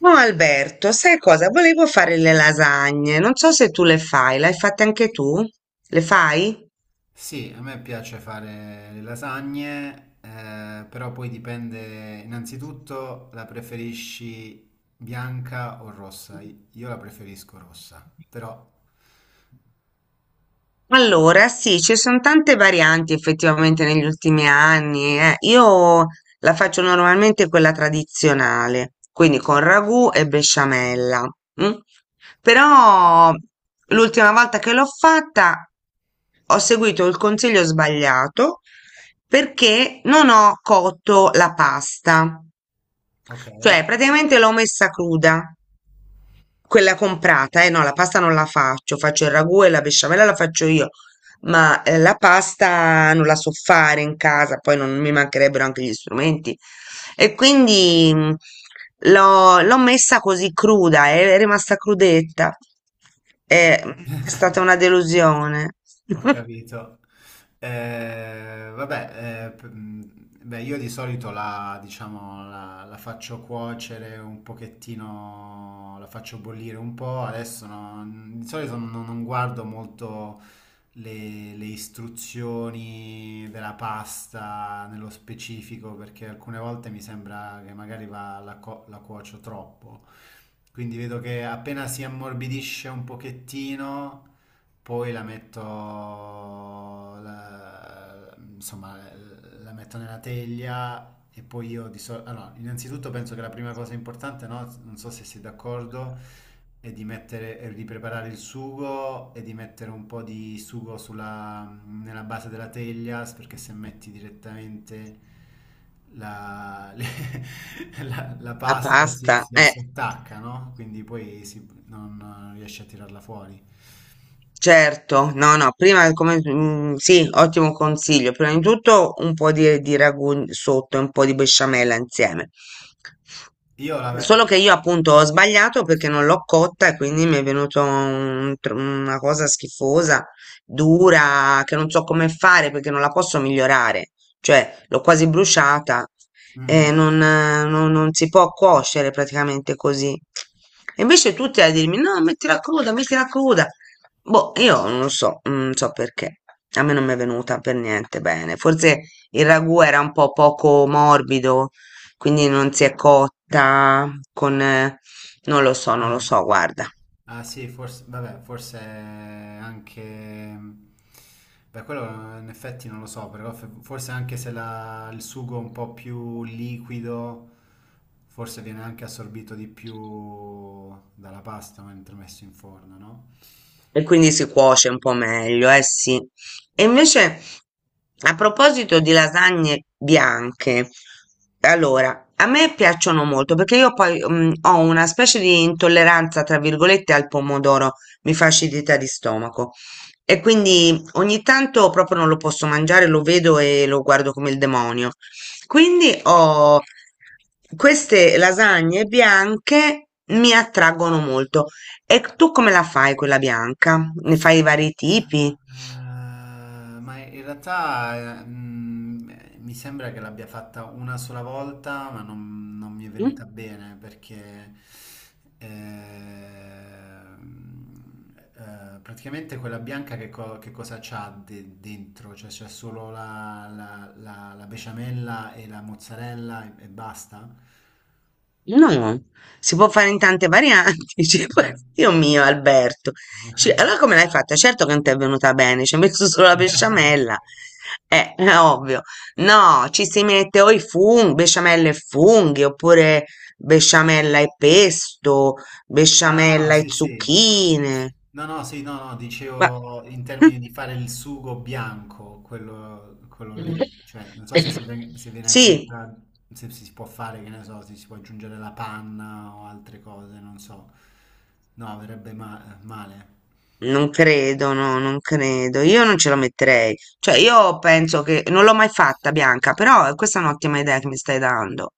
No, Alberto, sai cosa? Volevo fare le lasagne. Non so se tu le fai, le hai fatte anche tu? Le fai? Sì, a me piace fare le lasagne, però poi dipende innanzitutto la preferisci bianca o rossa. Io la preferisco rossa, però Allora, sì, ci sono tante varianti effettivamente negli ultimi anni. Io la faccio normalmente quella tradizionale, quindi con ragù e besciamella. Mm. Però l'ultima volta che l'ho fatta ho seguito il consiglio sbagliato perché non ho cotto la pasta, ok. cioè praticamente l'ho messa cruda quella comprata, eh no, la pasta non la faccio, faccio il ragù e la besciamella la faccio io, ma la pasta non la so fare in casa, poi non mi mancherebbero anche gli strumenti. E quindi l'ho messa così cruda, è rimasta crudetta. È stata una delusione. Ho capito. Io di solito la faccio cuocere un pochettino, la faccio bollire un po', adesso non- di solito non guardo molto le istruzioni della pasta nello specifico, perché alcune volte mi sembra che magari va- la, co- la cuocio troppo. Quindi vedo che appena si ammorbidisce un pochettino, poi la metto, la- insomma, la metto nella teglia e poi io di solito... Allora, innanzitutto penso che la prima cosa importante, no? Non so se sei d'accordo e di mettere, e di preparare il sugo e di mettere un po' di sugo nella base della teglia, perché se metti direttamente la, le- la La pasta si, pasta, si eh. si attacca, no? Quindi poi si- non, non riesci a tirarla fuori. Certo, no, no, prima come, sì, ottimo consiglio. Prima di tutto un po' di ragù sotto e un po' di besciamella insieme. Io la... Solo ve- che io appunto ho sbagliato perché non l'ho cotta e quindi mi è venuto una cosa schifosa, dura, che non so come fare perché non la posso migliorare, cioè l'ho quasi bruciata e Mhm. non si può cuocere praticamente così. E invece tutti a dirmi no, mettila cruda, mettila cruda. Boh, io non lo so, non so perché. A me non mi è venuta per niente bene. Forse il ragù era un po' poco morbido. Quindi non si è cotta con non lo so, non lo Ah. so, guarda. Ah sì, forse, vabbè, forse anche... Beh, quello in effetti non lo so, però forse anche se la- il sugo è un po' più liquido, forse viene anche assorbito di più dalla pasta mentre messo in forno, no? E quindi si cuoce un po' meglio, eh sì. E invece, a proposito di lasagne bianche, allora, a me piacciono molto perché io poi ho una specie di intolleranza, tra virgolette, al pomodoro, mi fa acidità di stomaco. E quindi ogni tanto proprio non lo posso mangiare, lo vedo e lo guardo come il demonio. Quindi ho queste lasagne bianche mi attraggono molto. E tu come la fai quella bianca? Ne fai di vari tipi? Ah, ma in realtà mi sembra che l'abbia fatta una sola volta, ma non mi è Mm? venuta bene perché praticamente quella bianca che cosa dentro? Cioè c'è solo la besciamella e la mozzarella e basta? No, si può fare in tante varianti. Cioè, Eh. Dio mio, Alberto. Cioè, allora come l'hai fatta? Certo che non ti è venuta bene, ci hai messo solo la besciamella. È ovvio. No, ci si mette o i funghi, besciamella e funghi, oppure besciamella e pesto, Ah no, besciamella e sì, sì. zucchine. No, no, sì, no, no, Ma- dicevo in termini di fare il sugo bianco, quello lì, cioè non so se, se viene Sì, aggiunta, se si può fare, che ne so, se si può aggiungere la panna o altre cose, non so. No, male. non credo, no, non credo. Io non ce la metterei. Cioè, io penso che non l'ho mai fatta, Bianca, però questa è un'ottima idea che mi stai dando.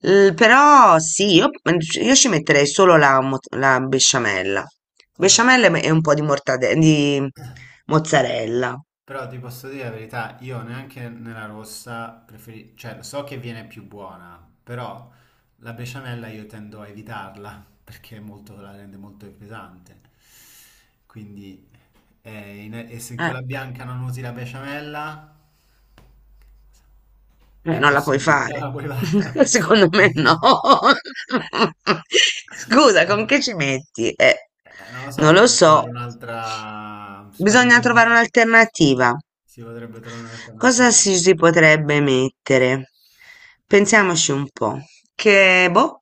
Però sì, io ci metterei solo la besciamella. Eh. Besciamella e un po' di mozzarella. Però ti posso dire la verità, io neanche nella rossa preferisco, cioè so che viene più buona, però la besciamella io tendo a evitarla perché la rende molto pesante. Quindi e se in Eh, quella bianca non usi la besciamella, è non la puoi impossibile. No, fare. la puoi fare. Secondo me no. Scusa, con che ci metti? Non lo Non so, lo bisogna trovare so. un'altra... Bisogna trovare un'alternativa. si potrebbe trovare Cosa un'alternativa. si potrebbe mettere? Pensiamoci un po'. Che, boh,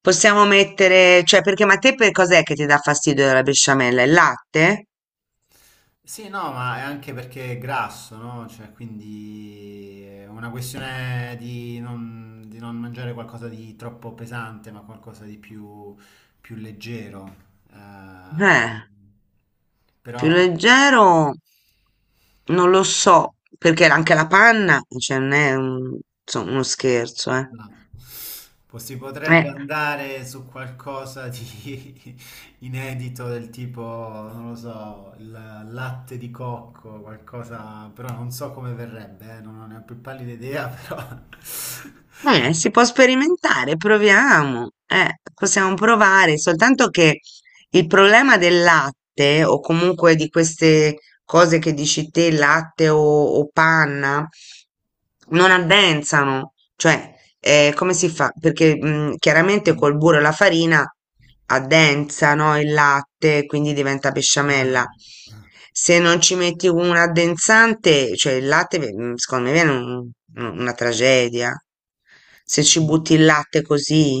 possiamo mettere, cioè, perché ma a te per cos'è che ti dà fastidio della besciamella? Il latte? Sì, no, ma è anche perché è grasso, no? Cioè, quindi è una questione di non mangiare qualcosa di troppo pesante, ma qualcosa di più, più leggero. Eh, Eh, però. più leggero non lo so, perché anche la panna, cioè, non è insomma, uno scherzo, eh. No. Si potrebbe Eh, andare su qualcosa di inedito del tipo, non lo so, il latte di cocco, qualcosa, però non so come verrebbe, non ho ne ho più pallida idea, però... si può sperimentare, proviamo. Possiamo provare, soltanto che il problema del latte o comunque di queste cose che dici te, latte o panna, non addensano, cioè come si fa? Perché chiaramente col burro e la farina addensano il latte, quindi diventa Ah, besciamella. Se non ci metti un addensante, cioè il latte, secondo me viene una tragedia. Se e ci quindi- butti il latte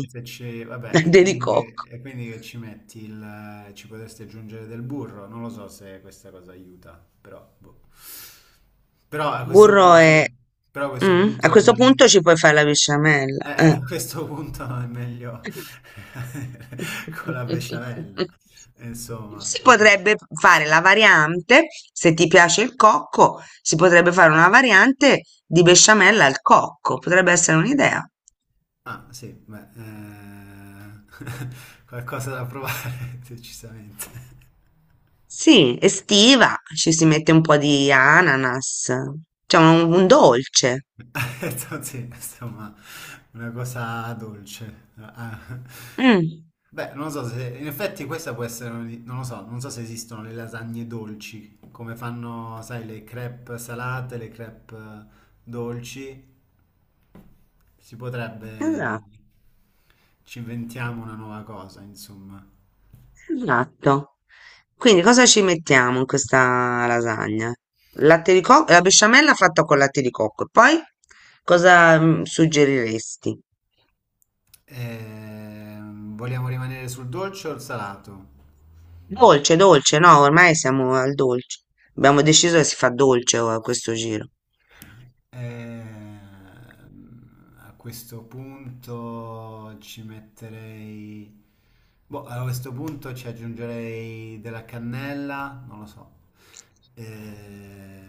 e se ci, vabbè, latte di cocco. e quindi che ci metti il, ci potresti aggiungere del burro? Non lo so se questa cosa aiuta, però, boh. Però a questo Burro e punto, però a questo a punto questo rimane, punto ci puoi fare la besciamella, eh. a questo punto è meglio con la besciamella, insomma. Si Ok. potrebbe fare la variante, se ti piace il cocco, si potrebbe fare una variante di besciamella al cocco, potrebbe essere un'idea. Ah, sì, beh, qualcosa da provare, decisamente. Sì, estiva, ci si mette un po' di ananas, cioè un dolce. Certo, sì, insomma, una cosa dolce. Ah. Mh, Beh, non lo so se, in effetti questa può essere, non lo so, non so se esistono le lasagne dolci, come fanno, sai, le crepe salate, le crepe dolci. Si potrebbe, esa ci inventiamo una nuova cosa, insomma. Esatto. Quindi cosa ci mettiamo in questa lasagna? Latte di cocco, la besciamella fatta con latte di cocco. E poi cosa suggeriresti? Vogliamo rimanere sul dolce o il salato? Dolce, dolce, no, ormai siamo al dolce. Abbiamo deciso che si fa dolce a questo giro. A questo punto ci metterei... Boh, a questo punto ci aggiungerei della cannella, non lo so. Eh,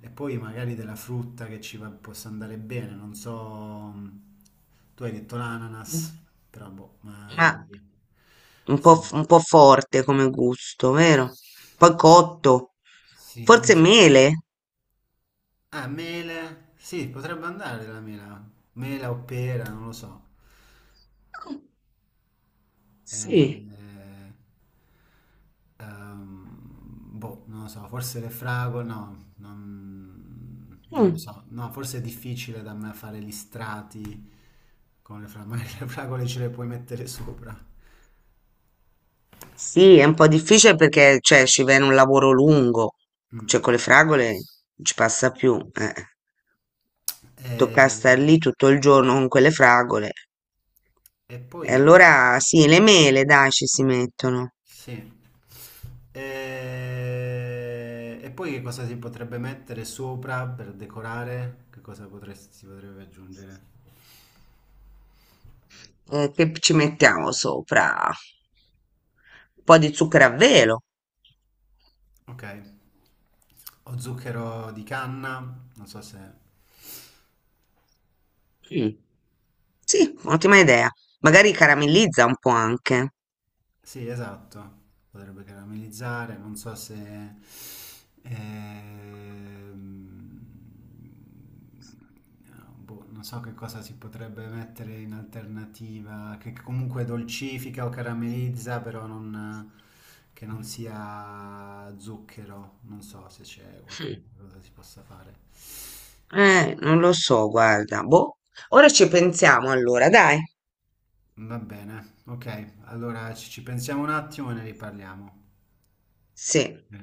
E poi magari della frutta possa andare bene, non so... Tu hai detto l'ananas, però boh, ma... Ma un po', Sì, un po' forte come gusto, vero? Poi cotto. sì, non Forse so. mele? Ah, mele. Sì, potrebbe andare la mela. Mela o pera, non lo so. Eh, Sì. eh, ehm, boh, non lo so, forse le fragole, no, non lo Mm. so. No, forse è difficile da me fare gli strati con le fragole. Magari le fragole ce le puoi mettere sopra. Sì, è un po' difficile perché, cioè, ci viene un lavoro lungo, cioè Mm. con le fragole non ci passa più, eh. Tocca star Eh, lì tutto il giorno con quelle fragole. e, E poi... allora sì, le mele, dai, ci si mettono. Sì. E poi che cosa si potrebbe mettere sopra per decorare? Si potrebbe aggiungere? Che ci mettiamo sopra? Un po' di zucchero a velo. Ok, o zucchero di canna, non so se... Mm. Sì, ottima idea. Magari caramellizza un po' anche. Sì, esatto, potrebbe caramellizzare, non so se... ehm, boh, non so che cosa si potrebbe mettere in alternativa, che comunque dolcifica o caramellizza, però non, che non sia zucchero, non so se c'è qualche cosa si possa fare. Non lo so, guarda. Boh. Ora ci pensiamo allora, dai. Va bene, ok, allora ci pensiamo un attimo e ne riparliamo. Sì. Eh.